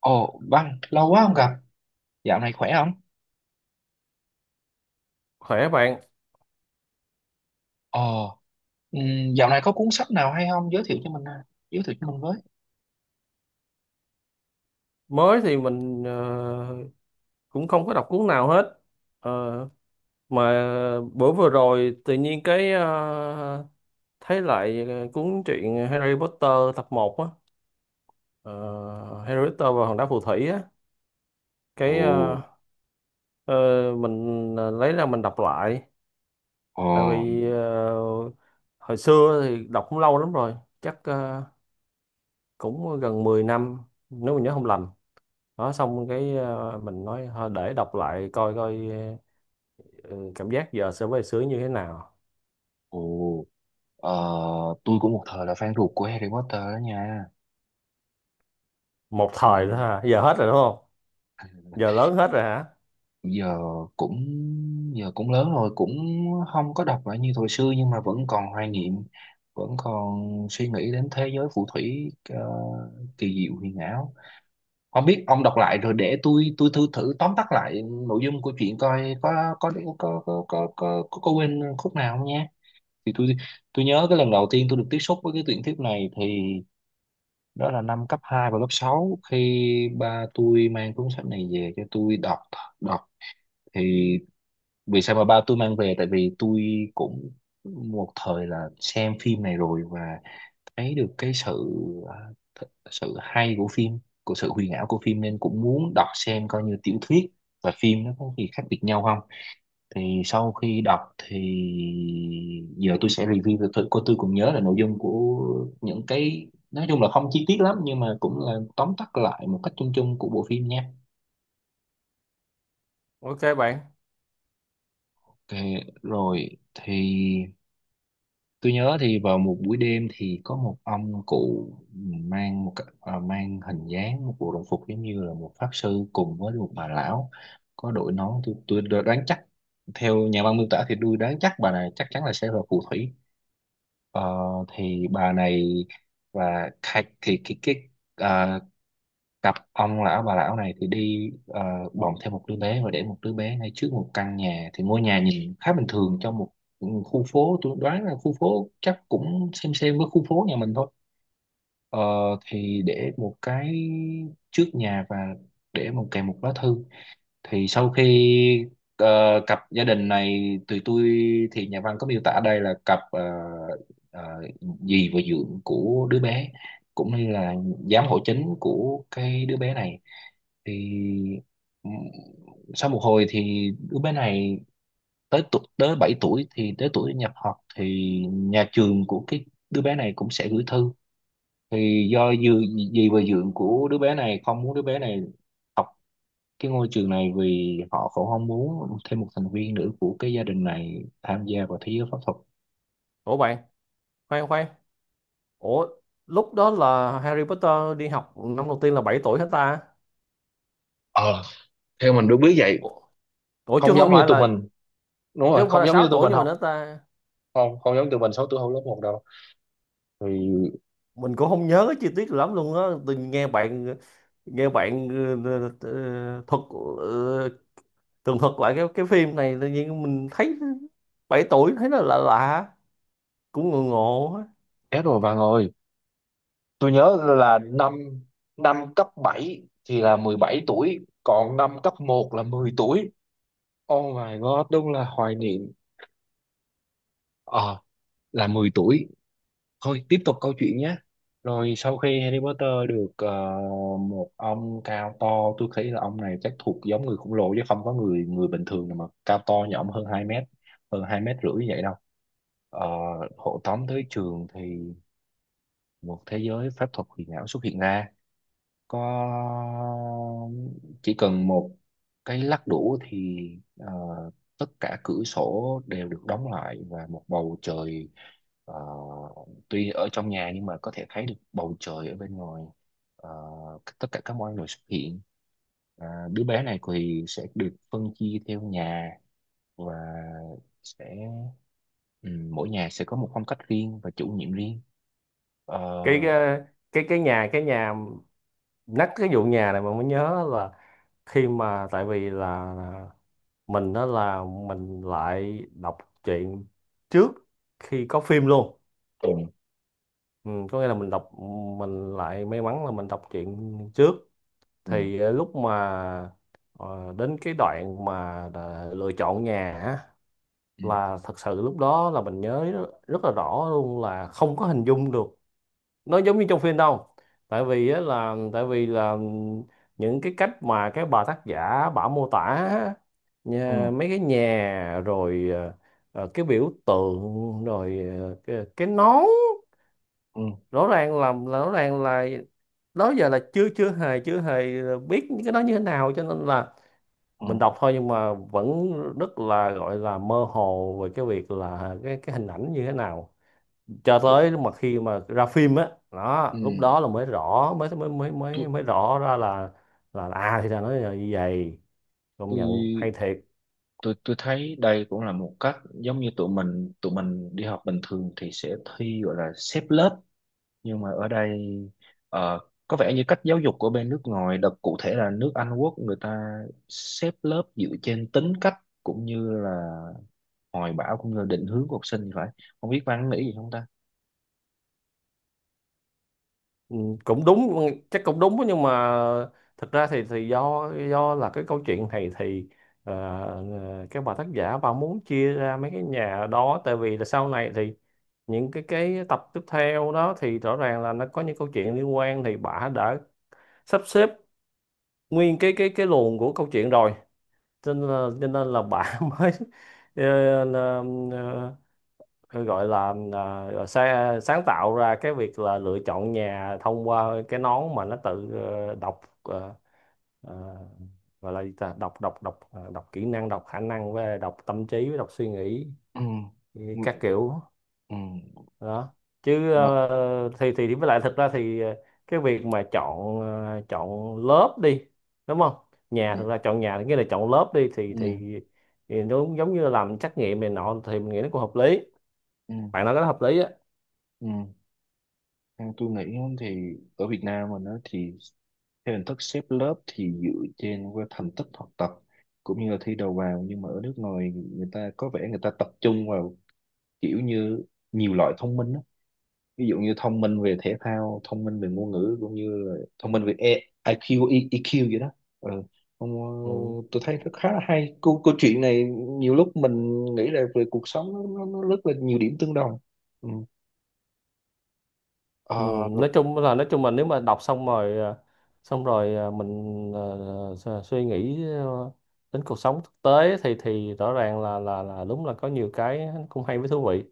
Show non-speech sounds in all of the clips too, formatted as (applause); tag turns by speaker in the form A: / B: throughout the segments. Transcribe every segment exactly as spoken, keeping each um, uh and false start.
A: Ồ, Văn, lâu quá không gặp. Dạo này khỏe không?
B: Khỏe bạn.
A: Ồ, ừm, dạo này có cuốn sách nào hay không? Giới thiệu cho mình, à. Giới thiệu cho mình với.
B: Mới thì mình ờ, cũng không có đọc cuốn nào hết. Ờ, mà bữa vừa rồi tự nhiên cái ờ, thấy lại ờ, cuốn truyện Harry Potter tập một á. Ờ, Harry Potter và Hòn đá phù thủy á, cái ờ,
A: Ồ,
B: ờ, mình ờ, lấy ra mình đọc lại.
A: ồ,
B: Tại vì ờ, hồi xưa thì đọc cũng lâu lắm rồi, chắc ờ, cũng gần mười năm nếu mình nhớ không lầm đó. Xong cái ờ, mình nói thôi để đọc lại coi coi. Ừ, cảm giác giờ so với xưa như thế nào?
A: ồ, ờ, tôi cũng một thời là fan ruột của Harry Potter đó nha.
B: Một thời thôi
A: Ừm,
B: hả, giờ hết rồi đúng không? Giờ lớn hết rồi hả?
A: giờ cũng giờ cũng lớn rồi, cũng không có đọc lại như thời xưa nhưng mà vẫn còn hoài niệm, vẫn còn suy nghĩ đến thế giới phù thủy ờ, kỳ diệu huyền ảo. Không biết ông đọc lại rồi để tôi tôi thử thử tóm tắt lại nội dung của chuyện coi có có có có có có có, có quên khúc nào không nhé. Thì tôi tôi nhớ cái lần đầu tiên tôi được tiếp xúc với cái tuyển thuyết này thì đó là năm cấp hai và lớp sáu khi ba tôi mang cuốn sách này về cho tôi đọc đọc thì vì sao mà ba tôi mang về, tại vì tôi cũng một thời là xem phim này rồi và thấy được cái sự à, th- sự hay của phim, của sự huyền ảo của phim nên cũng muốn đọc xem coi như tiểu thuyết và phim nó có gì khác biệt nhau không. Thì sau khi đọc thì giờ tôi sẽ review cho tôi cô tôi cũng nhớ là nội dung của những cái, nói chung là không chi tiết lắm nhưng mà cũng là tóm tắt lại một cách chung chung của bộ phim nha.
B: Ok bạn.
A: Ok, rồi thì tôi nhớ thì vào một buổi đêm thì có một ông cụ mang một cái- à, mang hình dáng một bộ đồng phục giống như là một pháp sư cùng với một bà lão có đội nón. Tôi tôi đoán chắc theo nhà văn miêu tả thì tôi đoán chắc bà này chắc chắn là sẽ là phù thủy. Ờ, thì bà này và khai- thì cái cái à, cặp ông lão bà lão này thì đi, ờ, bồng thêm một đứa bé và để một đứa bé ngay trước một căn nhà. Thì ngôi nhà nhìn khá bình thường trong một khu phố, tôi đoán là khu phố chắc cũng xem xem với khu phố nhà mình thôi. Ờ, thì để một cái trước nhà và để một kèm một lá thư. Thì sau khi ờ, cặp gia đình này tụi tôi thì nhà văn có miêu tả đây là cặp ờ, ờ, dì và dượng của đứa bé, cũng như là giám hộ chính của cái đứa bé này. Thì ừm, sau một hồi thì đứa bé này tới tuổi, tới bảy tuổi thì tới tuổi nhập học thì nhà trường của cái đứa bé này cũng sẽ gửi thư. Thì do dì, dì và dượng của đứa bé này không muốn đứa bé này cái ngôi trường này vì họ cũng không muốn thêm một thành viên nữa của cái gia đình này tham gia vào thế giới pháp thuật.
B: Ủa bạn, khoan khoan, ủa, lúc đó là Harry Potter đi học năm đầu tiên là bảy tuổi hết ta?
A: Ờ, theo mình vậy.
B: Ủa, ủa chứ
A: Không
B: không
A: giống như
B: phải
A: tụi
B: là,
A: mình. Đúng
B: chứ
A: rồi,
B: không phải
A: không
B: là
A: giống như
B: sáu
A: tụi
B: tuổi
A: mình
B: nhưng mà
A: học.
B: nữa ta?
A: Không không giống tụi mình sáu tuổi học lớp một đâu. Thì
B: Mình cũng không nhớ cái chi tiết lắm luôn á, tôi nghe bạn, nghe bạn ờ, ờ, ờ, thuật, ờ, tường thuật lại cái cái phim này tự nhiên mình thấy bảy tuổi thấy nó lạ lạ, cũng ngộ ngộ.
A: chết rồi bạn ơi, tôi nhớ là năm năm cấp bảy thì là mười bảy tuổi còn năm cấp một là mười tuổi. Oh my god, đúng là hoài niệm. Ờ, là mười tuổi. Thôi tiếp tục câu chuyện nhé. Rồi sau khi Harry Potter được, ờ, một ông cao to, tôi thấy là ông này chắc thuộc giống người khổng lồ chứ không có người người bình thường nào mà cao to như ông, hơn hai mét, hơn hai mét rưỡi như vậy đâu. Ờ, hộ tống tới trường thì một thế giới pháp thuật huyền ảo xuất hiện ra. Có chỉ cần một cái lắc đũa thì, ờ, tất cả cửa sổ đều được đóng lại và một bầu trời, ờ, tuy ở trong nhà nhưng mà có thể thấy được bầu trời ở bên ngoài. Ờ, tất cả các mọi người xuất hiện. À, đứa bé này thì sẽ được phân chia theo nhà và sẽ, ừ, mỗi nhà sẽ có một phong cách riêng và chủ nhiệm riêng.
B: cái
A: Ờ,
B: cái cái cái nhà, cái nhà, nhắc cái vụ nhà này mà mới nhớ là khi mà, tại vì là mình đó là mình lại đọc truyện trước khi có phim luôn.
A: ừ,
B: Ừ, có nghĩa là mình đọc, mình lại may mắn là mình đọc truyện trước.
A: ừ,
B: Thì ờ, lúc mà ờ, đến cái đoạn mà đã lựa chọn nhà á,
A: ừ,
B: là thật sự lúc đó là mình nhớ rất là rõ luôn là không có hình dung được nó giống như trong phim đâu. Tại vì á là tại vì là những cái cách mà cái bà tác giả bà mô tả á,
A: ừ,
B: nhà, mấy cái nhà rồi ờ, ờ, cái biểu tượng rồi ờ, cái, cái nón.
A: ừ.
B: Rõ ràng là là- rõ ràng là đó giờ là chưa chưa hề chưa hề biết những cái đó như thế nào, cho nên là
A: Ừ.
B: mình đọc thôi nhưng mà vẫn rất là gọi là mơ hồ về cái việc là cái cái hình ảnh như thế nào, cho
A: Tôi,
B: tới lúc mà khi mà ra phim á đó
A: ừ.
B: lúc đó là mới rõ, mới mới mới
A: Tôi,
B: mới mới rõ ra là là, là à thì ra nó là như vậy. Công nhận
A: tôi
B: hay thiệt.
A: tôi tôi thấy đây cũng là một cách giống như tụi mình tụi mình đi học bình thường thì sẽ thi gọi là xếp lớp, nhưng mà ở đây ờ, có vẻ như cách giáo dục của bên nước ngoài đặc cụ thể là nước Anh Quốc, người ta xếp lớp dựa trên tính cách cũng như là hoài bão cũng như định hướng của học sinh thì phải. Không biết Văn nghĩ gì không ta?
B: Ừ, cũng đúng, chắc cũng đúng, nhưng mà thật ra thì thì do do là cái câu chuyện này thì ờ, ờ, các bà tác giả bà muốn chia ra mấy cái nhà đó tại vì là sau này thì những cái cái tập tiếp theo đó thì rõ ràng là nó có những câu chuyện liên quan thì bà đã sắp xếp nguyên cái cái cái luồng của câu chuyện rồi. Cho nên là, cho nên là bạn (laughs) mới ờ, là, ờ, gọi là, là gọi sa- sáng tạo ra cái việc là lựa chọn nhà thông qua cái nón mà nó tự ờ, đọc, ờ, ờ, gọi là gì ta, đọc đọc đọc ờ, đọc kỹ năng, đọc khả năng với đọc tâm trí với đọc suy nghĩ
A: Ừ, ừ,
B: các kiểu
A: ừ.
B: đó. Chứ
A: Ờ,
B: ờ, thì thì với lại thật ra thì ờ, cái việc mà chọn, ờ, chọn lớp đi, đúng không?
A: ừ,
B: Nhà, thật ra chọn nhà thì nghĩa là chọn lớp đi thì
A: ừ,
B: thì, thì nó cũng giống như là làm trắc nghiệm này nọ thì mình nghĩ nó cũng hợp lý.
A: ừ,
B: Bạn nói cái đó hợp lý á.
A: ừ. Theo tôi nghĩ á, thì ở Việt Nam mình đó thì theo hình thức xếp lớp thì dựa trên qua thành tích học tập cũng như là thi đầu vào, nhưng mà ở nước ngoài người ta có vẻ người ta tập trung vào kiểu như nhiều loại thông minh đó. Ví dụ như thông minh về thể thao, thông minh về ngôn ngữ cũng như là thông minh về E- i kiu, E- i kiu vậy đó. Ừ. Không,
B: Ừ.
A: ờ, tôi thấy rất khá là hay. Câu, câu chuyện này nhiều lúc mình nghĩ là về cuộc sống nó, nó, nó rất là nhiều điểm tương đồng. Ừ.
B: Ừ.
A: Ờ,
B: Nói chung là, nói chung là nếu mà đọc xong rồi ờ, xong rồi ờ, mình ờ, su- suy nghĩ ờ, đến cuộc sống thực tế thì thì rõ ràng là là là đúng là có nhiều cái cũng hay với thú vị.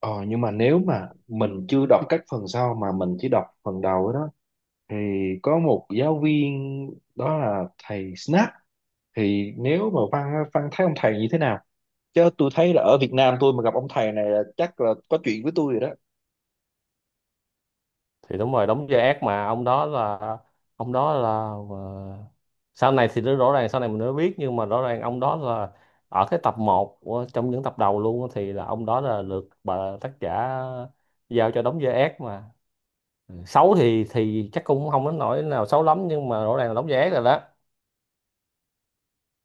A: Ờ, nhưng mà nếu mà mình chưa đọc các phần sau mà mình chỉ đọc phần đầu ấy đó thì có một giáo viên đó là thầy Snap. Thì nếu mà Văn á, Văn thấy ông thầy như thế nào? Chứ tôi thấy là ở Việt Nam tôi mà gặp ông thầy này là chắc là có chuyện với tôi rồi đó.
B: Thì đúng rồi, đóng vai ác mà, ông đó là, ông đó là ờ, sau này thì nó rõ ràng, sau này mình mới biết, nhưng mà rõ ràng ông đó là ở cái tập một, trong những tập đầu luôn á, thì là ông đó là được bà tác giả giao cho đóng vai ác mà. Ừ. Xấu thì thì chắc cũng không đến nỗi nào xấu lắm nhưng mà rõ ràng là đóng vai ác rồi đó.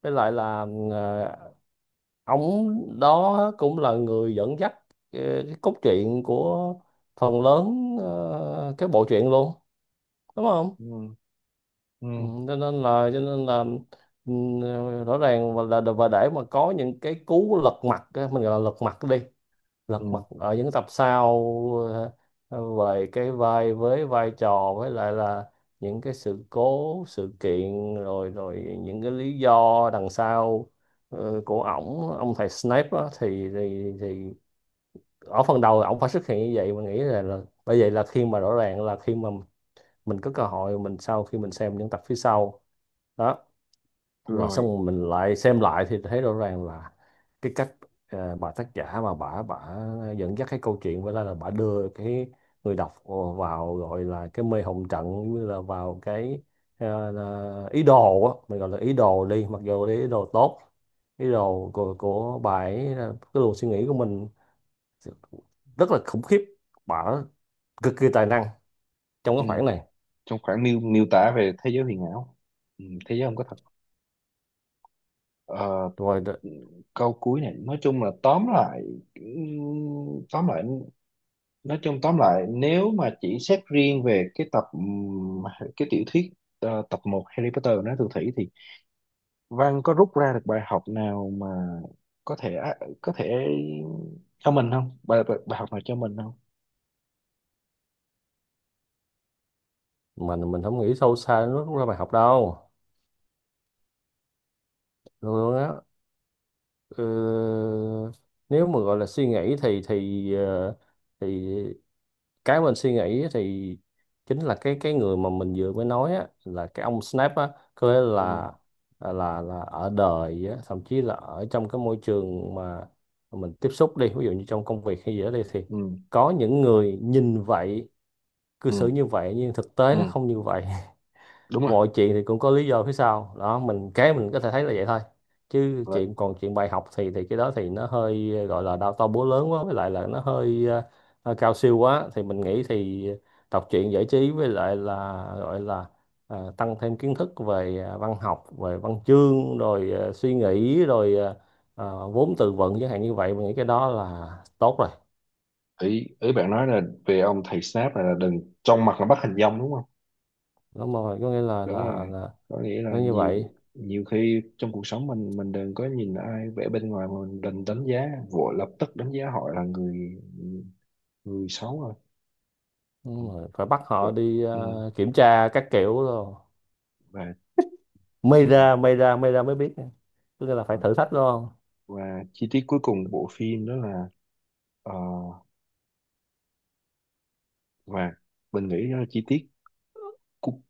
B: Với lại là ờ, ông đó cũng là người dẫn dắt cái, cái cốt truyện của phần lớn ờ, cái bộ truyện luôn, đúng không?
A: Ừ, ừ,
B: Ừ, cho nên là, cho nên là, ừ, rõ ràng và là và để mà có những cái cú lật mặt á, mình gọi là lật mặt đi, lật mặt
A: ừ,
B: ở những tập sau, ờ, ờ, về cái vai, với vai trò, với lại là những cái sự cố, sự kiện rồi rồi những cái lý do đằng sau ờ, của ổng, ông thầy Snape á, thì, thì thì ở phần đầu ổng phải xuất hiện như vậy mình nghĩ là, là bởi vậy là khi mà, rõ ràng là khi mà mình có cơ hội, mình sau khi mình xem những tập phía sau đó, rồi
A: rồi,
B: xong mình lại xem lại thì thấy rõ ràng là cái cách ờ, bà tác giả mà bà bà dẫn dắt cái câu chuyện với lại là bà đưa cái người đọc vào gọi là cái mê hồn trận, như là vào cái ờ, là ý đồ á, mình gọi là ý đồ đi, mặc dù là ý đồ tốt, ý đồ của, của bà ấy là cái luồng suy nghĩ của mình rất là khủng khiếp. Bà cực kỳ tài năng trong cái
A: ừ.
B: khoảng này.
A: Trong khoảng miêu miêu tả về thế giới huyền ảo, ừ, thế giới không có thật. Ờ,
B: Rồi đó.
A: câu cuối này nói chung là tóm lại, ừ, tóm lại, nói chung tóm lại nếu mà chỉ xét riêng về cái tập, ừm, cái tiểu thuyết, ờ, tập một Harry Potter nói Phù Thủy, thì Văn có rút ra được bài học nào mà có thể, có thể cho mình không, bài bài, bài học nào cho mình không?
B: Mình, mình không nghĩ sâu xa nó rút ra bài học đâu luôn á. Ờ, nếu mà gọi là suy nghĩ thì thì ờ, thì cái mình suy nghĩ thì chính là cái cái người mà mình vừa mới nói á, là cái ông Snap á. Có nghĩa
A: Ừ,
B: là, à, là, là ở đời á, thậm chí là ở trong cái môi trường mà mình tiếp xúc đi, ví dụ như trong công việc hay gì đó đi, thì
A: ừ,
B: có những người nhìn vậy, cư xử
A: ừ,
B: như vậy nhưng thực tế nó
A: ừ.
B: không như vậy.
A: Đúng rồi.
B: Mọi chuyện thì cũng có lý do phía sau đó, mình cái mình có thể thấy là vậy thôi. Chứ
A: Là,
B: chuyện, còn chuyện bài học thì thì cái đó thì nó hơi ờ, gọi là đau to búa lớn quá, với lại là nó hơi ờ, ờ, cao siêu quá thì mình nghĩ thì đọc truyện giải trí với lại là gọi là ờ, tăng thêm kiến thức về ờ, văn học, về văn chương rồi ờ, suy nghĩ rồi ờ, ờ, vốn từ vựng chẳng hạn như vậy mình nghĩ cái đó là tốt rồi.
A: ý ý bạn nói là về ông thầy Snape này là đừng trong mặt là bắt hình dong đúng.
B: Đúng rồi, có nghĩa là
A: Đúng rồi,
B: là, là
A: có nghĩa
B: nó
A: là
B: như
A: nhiều,
B: vậy.
A: nhiều khi trong cuộc sống mình mình đừng có nhìn ai vẻ bên ngoài mà mình đừng đánh giá vội lập tức đánh giá họ là người, người xấu rồi. Ừ.
B: Đúng rồi. Phải bắt họ
A: Và,
B: đi
A: ừ.
B: ờ, kiểm tra các kiểu rồi
A: Và
B: may ra, may ra, may ra mới biết. Có nghĩa là phải
A: và
B: thử thách đúng không?
A: và chi tiết cuối cùng bộ phim đó là, ờ, và mình nghĩ đó là chi tiết cu-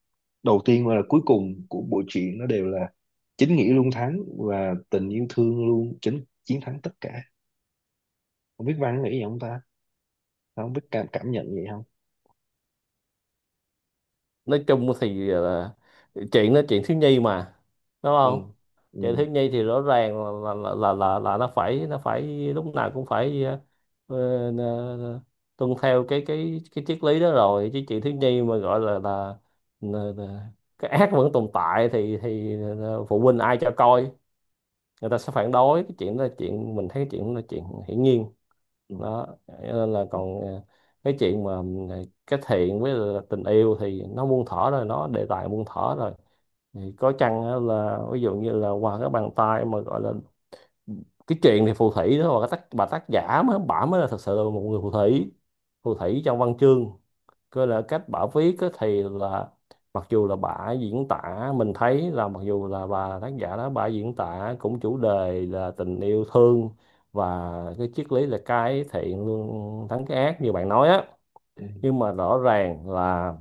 A: đầu tiên và là cuối cùng của bộ truyện nó đều là chính nghĩa luôn thắng và tình yêu thương luôn chính chiến thắng tất cả. Không biết Văn nghĩ gì không ta? Không biết cảm, cảm nhận gì không?
B: Nói chung thì là chuyện, nó chuyện thiếu nhi mà, đúng
A: Ừ,
B: không?
A: ừ,
B: Chuyện thiếu nhi thì rõ ràng là là là là, là nó phải, nó phải lúc nào cũng phải ờ, ờ, ờ, tuân theo cái cái cái triết lý đó rồi. Chứ chuyện thiếu nhi mà gọi là là, là, là cái ác vẫn tồn tại thì thì ờ, phụ huynh ai cho coi, người ta sẽ phản đối cái chuyện đó, là chuyện mình thấy cái chuyện đó là chuyện hiển nhiên
A: ừ,
B: đó. Nên là
A: ừ,
B: còn ờ, cái chuyện mà ờ, cái thiện với là tình yêu thì nó muôn thuở rồi, nó đề tài muôn thuở rồi. Thì có chăng á là ví dụ như là qua cái bàn tay mà gọi là cái chuyện thì phù thủy đó và cái tác, bà tác giả mới, bả mới là thật sự là một người phù thủy, phù thủy trong văn chương cơ, là cách bà viết á, thì là mặc dù là bà diễn tả, mình thấy là mặc dù là bà tác giả đó bà diễn tả cũng chủ đề là tình yêu thương và cái triết lý là cái thiện luôn thắng cái ác như bạn nói á,
A: ừ,
B: nhưng mà rõ ràng là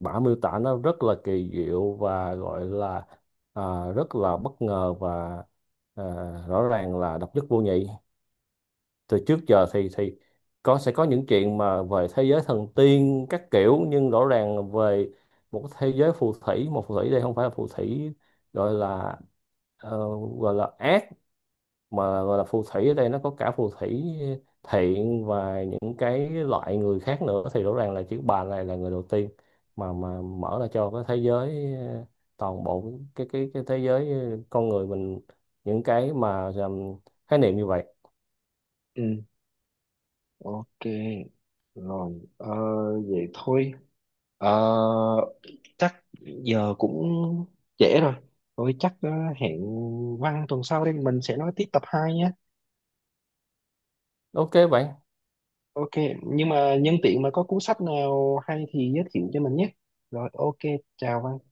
B: bà miêu tả nó rất là kỳ diệu và gọi là, à, rất là bất ngờ và, à, rõ ràng là độc nhất vô nhị. Từ trước giờ thì thì có, sẽ có những chuyện mà về thế giới thần tiên các kiểu nhưng rõ ràng về một cái thế giới phù thủy, một phù thủy đây không phải là phù thủy gọi là ờ, gọi là ác, mà gọi là phù thủy ở đây nó có cả phù thủy thiện và những cái loại người khác nữa, thì rõ ràng là chữ bà này là người đầu tiên mà mà mở ra cho cái thế giới, ờ, toàn bộ cái cái cái thế giới ờ, con người mình những cái mà ờ, khái niệm như vậy.
A: ừ, ok. Rồi ờ, vậy thôi. Ờ, chắc giờ cũng trễ rồi, thôi chắc, ờ, hẹn Văn tuần sau, đây mình sẽ nói tiếp tập hai nhé.
B: Ok bạn.
A: Ok, nhưng mà nhân tiện mà có cuốn sách nào hay thì giới thiệu cho mình nhé. Rồi ok, chào Văn.